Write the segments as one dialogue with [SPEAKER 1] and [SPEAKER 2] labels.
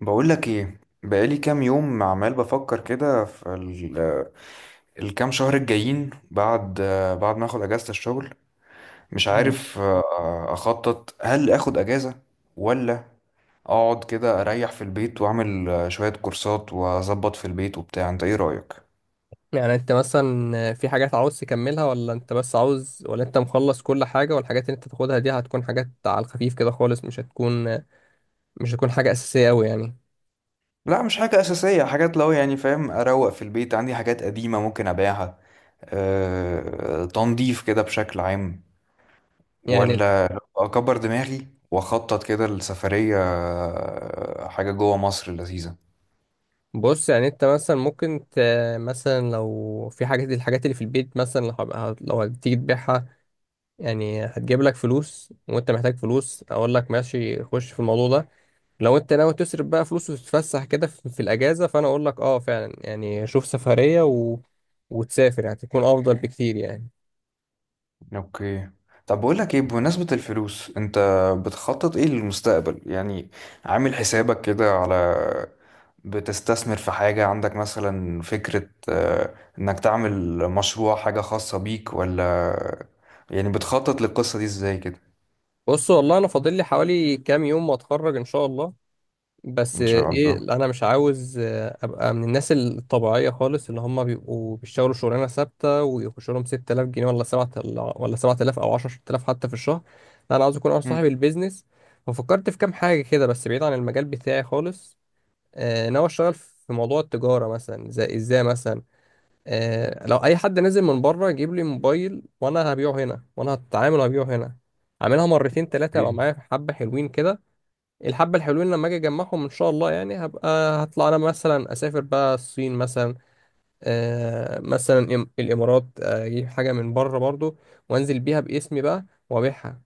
[SPEAKER 1] بقولك ايه، بقالي كام يوم عمال بفكر كده في الكام شهر الجايين بعد ما اخد اجازة الشغل. مش
[SPEAKER 2] مم.
[SPEAKER 1] عارف، اخطط هل اخد اجازة ولا اقعد كده اريح في البيت واعمل شوية كورسات واظبط في البيت وبتاع. انت ايه رأيك؟
[SPEAKER 2] يعني انت مثلا في حاجات عاوز تكملها ولا انت بس عاوز، ولا انت مخلص كل حاجة؟ والحاجات اللي انت تاخدها دي هتكون حاجات على الخفيف كده خالص، مش هتكون حاجة أساسية أوي يعني.
[SPEAKER 1] لا مش حاجة أساسية، حاجات لو يعني فاهم، أروق في البيت، عندي حاجات قديمة ممكن أبيعها، أه تنظيف كده بشكل عام،
[SPEAKER 2] يعني
[SPEAKER 1] ولا اكبر دماغي واخطط كده لسفرية، حاجة جوه مصر لذيذة.
[SPEAKER 2] بص، يعني انت مثلا مثلا لو في الحاجات اللي في البيت، مثلا لو هتيجي تبيعها، يعني هتجيب لك فلوس، وانت محتاج فلوس، اقول لك ماشي خش في الموضوع ده. لو انت ناوي تصرف بقى فلوس وتتفسح كده في الاجازه، فانا اقول لك اه فعلا، يعني شوف سفريه وتسافر، يعني تكون افضل بكتير يعني.
[SPEAKER 1] اوكي طب بقول لك ايه، بمناسبة الفلوس، انت بتخطط ايه للمستقبل يعني؟ عامل حسابك كده على، بتستثمر في حاجة، عندك مثلا فكرة انك تعمل مشروع، حاجة خاصة بيك، ولا يعني بتخطط للقصة دي ازاي كده؟
[SPEAKER 2] بص والله انا فاضل لي حوالي كام يوم واتخرج ان شاء الله. بس
[SPEAKER 1] ان شاء
[SPEAKER 2] ايه،
[SPEAKER 1] الله.
[SPEAKER 2] انا مش عاوز ابقى من الناس الطبيعيه خالص اللي هم بيبقوا بيشتغلوا شغلانه ثابته ويخش لهم 6000 جنيه ولا 7، ولا 7000 او 10,000 حتى في الشهر. لا، انا عاوز اكون انا
[SPEAKER 1] مم.
[SPEAKER 2] صاحب البيزنس. وفكرت في كام حاجه كده، بس بعيد عن المجال بتاعي خالص. ناوي اشتغل في موضوع التجاره مثلا، زي ازاي مثلا. لو اي حد نازل من بره يجيب لي موبايل، وانا هبيعه هنا، وانا هتعامل وهبيعه هنا. اعملها مرتين ثلاثه ابقى
[SPEAKER 1] إيه،
[SPEAKER 2] معايا حبه حلوين كده. الحبه الحلوين لما اجي اجمعهم ان شاء الله، يعني هبقى هطلع انا مثلا اسافر بقى الصين مثلا. مثلا الامارات، اجيب حاجه من بره برضو، وانزل بيها باسمي بقى وابيعها.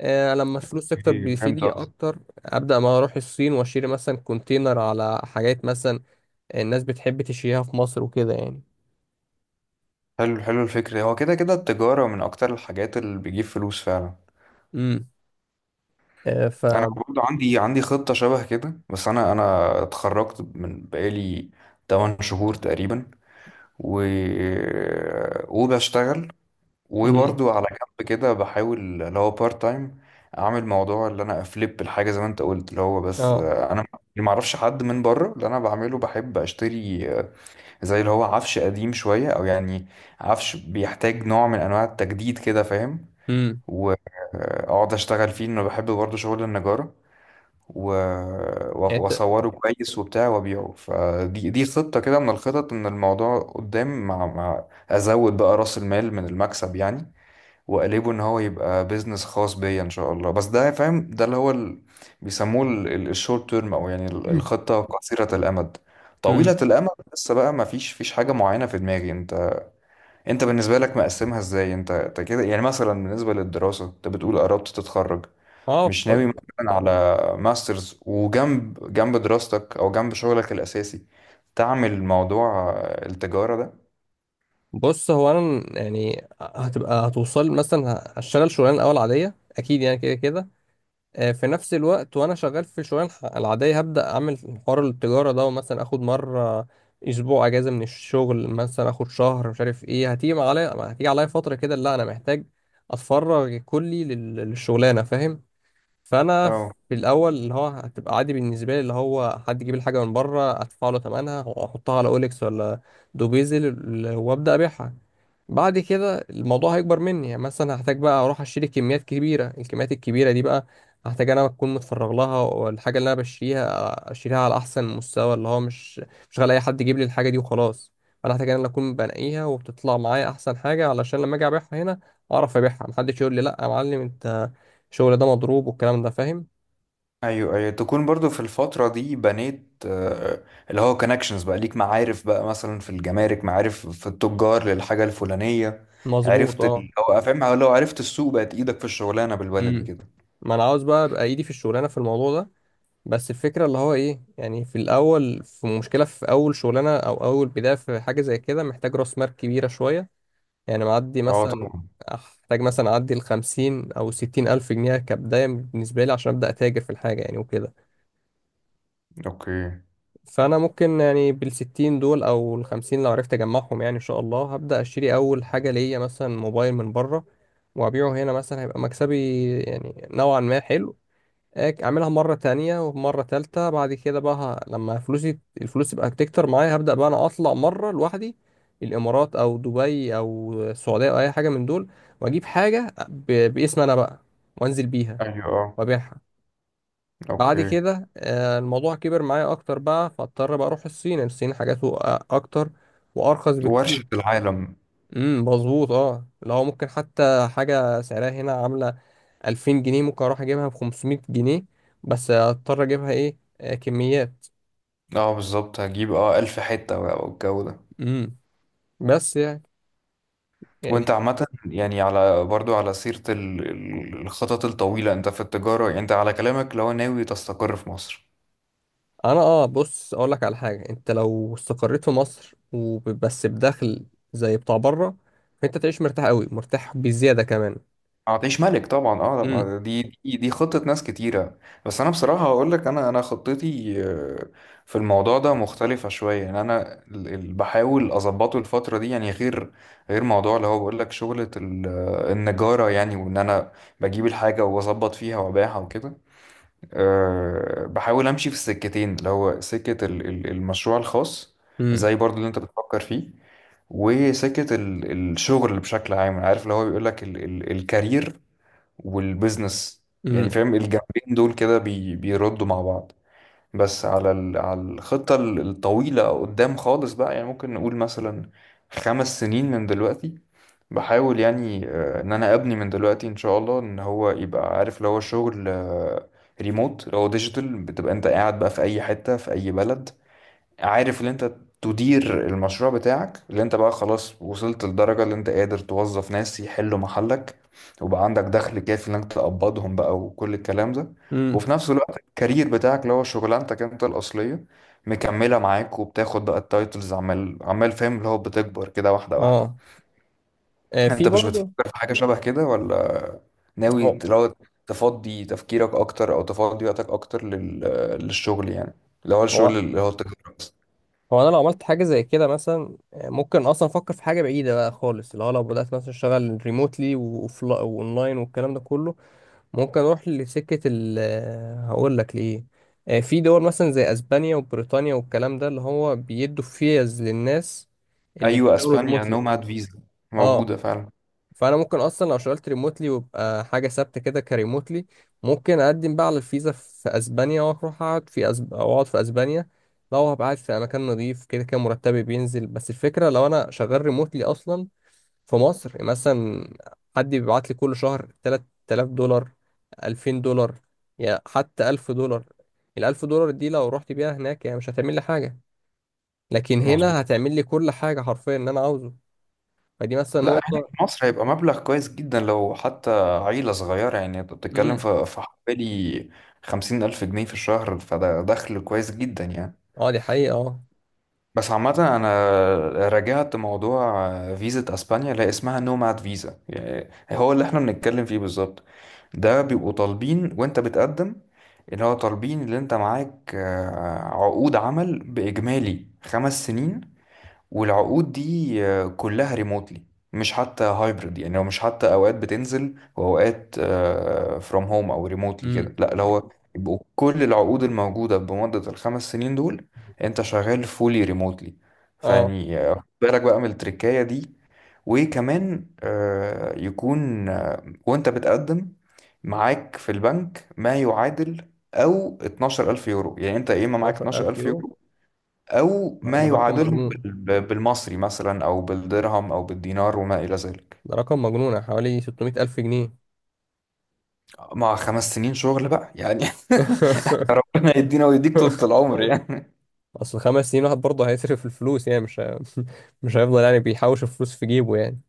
[SPEAKER 2] لما الفلوس تكتر
[SPEAKER 1] إيه، فهمت.
[SPEAKER 2] بيفيدني اكتر. ابدا ما اروح الصين واشتري مثلا كونتينر على حاجات مثلا الناس بتحب تشيها في مصر وكده يعني.
[SPEAKER 1] حلو حلو، الفكرة هو كده كده التجارة من أكتر الحاجات اللي بتجيب فلوس فعلا.
[SPEAKER 2] امم. آه، ف
[SPEAKER 1] أنا برضه عندي خطة شبه كده، بس أنا اتخرجت من بقالي 8 شهور تقريبا و... وبشتغل
[SPEAKER 2] امم.
[SPEAKER 1] وبرضه على جنب كده بحاول اللي هو بارت تايم أعمل موضوع اللي أنا أفليب الحاجة زي ما أنت قلت. اللي هو بس،
[SPEAKER 2] اه.
[SPEAKER 1] أنا اللي معرفش حد من بره. اللي أنا بعمله بحب أشتري زي اللي هو عفش قديم شوية، أو يعني عفش بيحتاج نوع من أنواع التجديد كده، فاهم؟
[SPEAKER 2] امم.
[SPEAKER 1] واقعد اشتغل فيه، انه بحب برضه شغل النجارة. و- و-
[SPEAKER 2] يعني انت.
[SPEAKER 1] واصوره كويس وبتاع وابيعه. فدي خطة كده من الخطط، ان الموضوع قدام مع ازود بقى راس المال من المكسب يعني. واقلبه ان هو يبقى بيزنس خاص بيا ان شاء الله. بس ده فاهم، ده اللي هو بيسموه الشورت تيرم، او يعني الخطة قصيرة الامد. طويلة
[SPEAKER 2] امم.
[SPEAKER 1] الامد لسه بقى ما فيش حاجة معينة في دماغي. انت، انت بالنسبة لك مقسمها ازاي انت؟ كده يعني مثلا بالنسبة للدراسة انت بتقول قربت تتخرج،
[SPEAKER 2] اه
[SPEAKER 1] مش
[SPEAKER 2] ف-
[SPEAKER 1] ناوي مثلا على ماسترز؟ وجنب دراستك او جنب شغلك الاساسي تعمل موضوع التجارة ده؟
[SPEAKER 2] بص، هو انا يعني هتبقى هتوصل، مثلا هشتغل شغلانه الاول عاديه اكيد يعني كده كده. في نفس الوقت وانا شغال في العاديه، هبدا اعمل حوار التجاره ده، ومثلا اخد مره اسبوع اجازه من الشغل، مثلا اخد شهر، مش عارف ايه. هتيجي عليا فتره كده لا انا محتاج اتفرغ كلي للشغلانه فاهم. فانا
[SPEAKER 1] اه.
[SPEAKER 2] في الاول اللي هو هتبقى عادي بالنسبه لي، اللي هو حد يجيب الحاجه من بره ادفع له ثمنها واحطها على اوليكس ولا دوبيزل، وابدا ابيعها. بعد كده الموضوع هيكبر مني، يعني مثلا هحتاج بقى اروح اشتري كميات كبيره. الكميات الكبيره دي بقى هحتاج انا اكون متفرغ لها، والحاجه اللي انا بشتريها اشتريها على احسن مستوى، اللي هو مش غالي اي حد يجيب لي الحاجه دي وخلاص. فانا هحتاج انا اللي اكون بنقيها وبتطلع معايا احسن حاجه، علشان لما اجي ابيعها هنا اعرف ابيعها، محدش يقول لي لا يا معلم، انت الشغل ده مضروب والكلام ده فاهم.
[SPEAKER 1] ايوه ايوه، تكون برضو في الفترة دي بنيت اللي هو كونكشنز بقى ليك، معارف بقى مثلا في الجمارك، معارف في التجار للحاجة الفلانية.
[SPEAKER 2] مظبوط
[SPEAKER 1] عرفت
[SPEAKER 2] اه.
[SPEAKER 1] اللي هو فاهم؟ لو عرفت السوق، بقت ايدك في الشغلانة بالبلدي
[SPEAKER 2] امم.
[SPEAKER 1] كده.
[SPEAKER 2] ما انا عاوز بقى ابقى ايدي في الشغلانه في الموضوع ده. بس الفكره اللي هو ايه، يعني في الاول في مشكله في اول شغلانه او اول بدايه في حاجه زي كده، محتاج راس مال كبيره شويه. يعني معدي
[SPEAKER 1] اه
[SPEAKER 2] مثلا،
[SPEAKER 1] طبعا.
[SPEAKER 2] احتاج مثلا اعدي ال 50 او 60 الف جنيه كبدايه بالنسبه لي عشان ابدا اتاجر في الحاجه يعني وكده.
[SPEAKER 1] اوكي.
[SPEAKER 2] فانا ممكن يعني بالستين دول او الخمسين لو عرفت اجمعهم، يعني ان شاء الله هبدا اشتري اول حاجه ليا مثلا موبايل من بره وابيعه هنا، مثلا هيبقى مكسبي يعني نوعا ما حلو. اعملها مره تانية ومره تالتة. بعد كده بقى لما الفلوس تبقى بتكتر معايا، هبدا بقى انا اطلع مره لوحدي الامارات او دبي او السعوديه او اي حاجه من دول، واجيب حاجه باسم انا بقى، وانزل بيها
[SPEAKER 1] ايوه اه.
[SPEAKER 2] وابيعها. بعد
[SPEAKER 1] اوكي.
[SPEAKER 2] كده الموضوع كبر معايا اكتر، بقى فاضطر بقى اروح الصين. الصين حاجاته اكتر وارخص بكتير.
[SPEAKER 1] ورشة العالم.
[SPEAKER 2] مظبوط اه. لو ممكن حتى حاجه سعرها هنا عامله 2000 جنيه، ممكن اروح اجيبها ب 500 جنيه. بس اضطر اجيبها ايه، كميات.
[SPEAKER 1] اه بالظبط، هجيب اه ألف حتة بقى والجو ده.
[SPEAKER 2] امم. بس يعني. يعني
[SPEAKER 1] وانت عامة يعني على، برضو على سيرة الخطط الطويلة، انت في التجارة يعني، انت على كلامك لو ناوي تستقر في مصر
[SPEAKER 2] انا اه. بص اقول لك على حاجه، انت لو استقريت في مصر وبس بدخل زي بتاع بره، فانت تعيش مرتاح قوي، مرتاح بزياده كمان.
[SPEAKER 1] هتعيش ملك طبعا. اه
[SPEAKER 2] امم.
[SPEAKER 1] لما دي خطة ناس كتيرة. بس انا بصراحة هقول لك، انا خطتي في الموضوع ده مختلفة شوية يعني. انا بحاول اظبطه الفترة دي يعني. غير موضوع اللي هو بقول لك، شغلة النجارة يعني، وان انا بجيب الحاجة واظبط فيها وابيعها وكده. بحاول امشي في السكتين، اللي هو سكة المشروع الخاص
[SPEAKER 2] امم.
[SPEAKER 1] زي برضو اللي انت بتفكر فيه، وسكة الشغل بشكل عام. عارف اللي هو بيقول لك الكارير والبيزنس. يعني
[SPEAKER 2] امم.
[SPEAKER 1] فاهم الجنبين دول كده بي بيردوا مع بعض. بس على على الخطة الطويلة قدام خالص بقى، يعني ممكن نقول مثلا 5 سنين من دلوقتي، بحاول يعني ان انا ابني من دلوقتي ان شاء الله ان هو يبقى، عارف، لو هو شغل ريموت، لو هو ديجيتال، بتبقى انت قاعد بقى في اي حتة في اي بلد، عارف اللي انت تدير المشروع بتاعك، اللي انت بقى خلاص وصلت لدرجة اللي انت قادر توظف ناس يحلوا محلك وبقى عندك دخل كافي انك تقبضهم بقى وكل الكلام ده.
[SPEAKER 2] امم
[SPEAKER 1] وفي نفس الوقت الكارير بتاعك اللي هو شغلانتك انت الأصلية مكملة معاك، وبتاخد بقى التايتلز عمال فاهم؟ اللي هو بتكبر كده واحدة.
[SPEAKER 2] اه. في
[SPEAKER 1] انت مش
[SPEAKER 2] برضه.
[SPEAKER 1] بتفكر في حاجة شبه كده ولا؟
[SPEAKER 2] هو
[SPEAKER 1] ناوي لو تفضي تفكيرك اكتر او تفضي وقتك اكتر للشغل يعني، اللي هو
[SPEAKER 2] هو
[SPEAKER 1] الشغل اللي هو التجارة؟
[SPEAKER 2] هو انا لو عملت حاجه زي كده مثلا، ممكن اصلا افكر في حاجه بعيده بقى خالص، اللي هو لو بدات مثلا اشتغل ريموتلي واونلاين والكلام ده كله، ممكن اروح لسكه ال هقول لك ليه. في دول مثلا زي اسبانيا وبريطانيا والكلام ده، اللي هو بيدوا فيز للناس اللي
[SPEAKER 1] ايوه،
[SPEAKER 2] بيشتغلوا
[SPEAKER 1] اسبانيا
[SPEAKER 2] ريموتلي
[SPEAKER 1] نوماد فيزا،
[SPEAKER 2] اه.
[SPEAKER 1] موجوده فعلا.
[SPEAKER 2] فانا ممكن اصلا لو شغلت ريموتلي ويبقى حاجه ثابته كده كريموتلي، ممكن اقدم بقى على الفيزا في اسبانيا، واروح اقعد في أو اقعد في اسبانيا. لو هبقى قاعد في مكان نظيف، كده كده مرتبي بينزل، بس الفكره لو انا شغال ريموتلي اصلا في مصر مثلا. حد بيبعت لي كل شهر 3000 دولار، 2000 دولار، يا حتى 1000 دولار. ال 1000 دولار دي لو رحت بيها هناك يعني مش هتعمل لي حاجه، لكن هنا
[SPEAKER 1] مظبوط.
[SPEAKER 2] هتعمل لي كل حاجه حرفيا اللي انا عاوزه. فدي مثلا
[SPEAKER 1] لا هنا
[SPEAKER 2] نقطه.
[SPEAKER 1] في مصر هيبقى مبلغ كويس جدا، لو حتى عيله صغيره يعني. انت بتتكلم
[SPEAKER 2] امم
[SPEAKER 1] في حوالي 50,000 جنيه في الشهر، فده دخل كويس جدا يعني.
[SPEAKER 2] اه دي حقيقه اه.
[SPEAKER 1] بس عامة أنا راجعت موضوع فيزا أسبانيا، لا اسمها نوماد فيزا يعني هو اللي احنا بنتكلم فيه بالظبط. ده بيبقوا طالبين، وانت بتقدم اللي هو طالبين اللي انت معاك عقود عمل بإجمالي 5 سنين، والعقود دي كلها ريموتلي، مش حتى هايبرد يعني، هو مش حتى اوقات بتنزل واوقات فروم هوم او ريموتلي كده،
[SPEAKER 2] امم
[SPEAKER 1] لا اللي هو يبقوا كل العقود الموجوده بمده ال 5 سنين دول انت شغال فولي ريموتلي.
[SPEAKER 2] اه.
[SPEAKER 1] فيعني خد بالك بقى من التركايه دي. وكمان يكون وانت بتقدم معاك في البنك ما يعادل، او 12,000 يورو يعني، انت يا اما معاك
[SPEAKER 2] 12,000
[SPEAKER 1] 12,000
[SPEAKER 2] يورو.
[SPEAKER 1] يورو أو
[SPEAKER 2] ده
[SPEAKER 1] ما
[SPEAKER 2] رقم
[SPEAKER 1] يعادلهم
[SPEAKER 2] مجنون.
[SPEAKER 1] بالمصري مثلا أو بالدرهم أو بالدينار وما إلى ذلك،
[SPEAKER 2] ده رقم مجنون يعني حوالي 600,000 جنيه.
[SPEAKER 1] مع 5 سنين شغل بقى يعني. ربنا يدينا ويديك طولة العمر يعني.
[SPEAKER 2] اصل خمس سنين واحد برضه هيصرف الفلوس يعني مش ه- مش هيفضل يعني بيحوش الفلوس في جيبه يعني.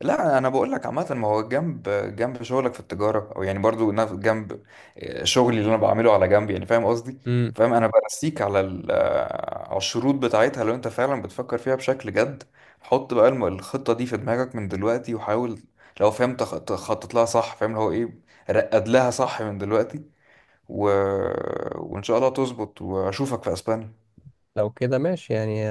[SPEAKER 1] لا انا بقول لك عامه، ما هو جنب شغلك في التجاره، او يعني برضو جنب شغلي اللي انا بعمله على جنب يعني، فاهم قصدي؟
[SPEAKER 2] امم.
[SPEAKER 1] فاهم، انا برسيك على على الشروط بتاعتها، لو انت فعلا بتفكر فيها بشكل جد حط بقى الخطه دي في دماغك من دلوقتي، وحاول لو فاهم تخطط لها صح، فاهم اللي هو ايه، رقد لها صح من دلوقتي و... وان شاء الله تظبط واشوفك في اسبانيا.
[SPEAKER 2] لو كده ماشي يعني،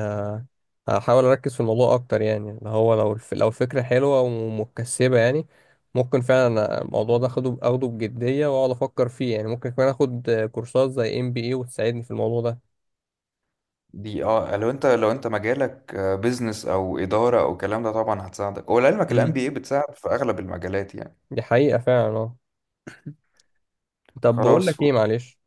[SPEAKER 2] هحاول اركز في الموضوع اكتر يعني اللي هو لو لو الفكره حلوه ومكسبه يعني، ممكن فعلا الموضوع ده اخده اخده بجديه واقعد افكر فيه يعني. ممكن كمان اخد كورسات زي MBA وتساعدني في الموضوع ده.
[SPEAKER 1] دي اه لو انت، لو انت مجالك بيزنس او اداره او الكلام ده طبعا هتساعدك. ولعلمك الام
[SPEAKER 2] امم
[SPEAKER 1] بي اي بتساعد في اغلب المجالات يعني.
[SPEAKER 2] دي حقيقه فعلا اه. طب بقول
[SPEAKER 1] خلاص
[SPEAKER 2] لك ايه معلش،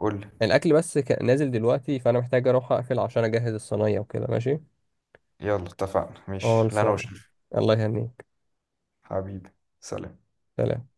[SPEAKER 1] قول لي.
[SPEAKER 2] الاكل بس نازل دلوقتي، فانا محتاج اروح اقفل عشان اجهز الصينيه وكده ماشي.
[SPEAKER 1] يلا اتفقنا ماشي، لا انا
[SPEAKER 2] خلصان.
[SPEAKER 1] وشريف.
[SPEAKER 2] الله يهنيك.
[SPEAKER 1] حبيبي، سلام.
[SPEAKER 2] سلام.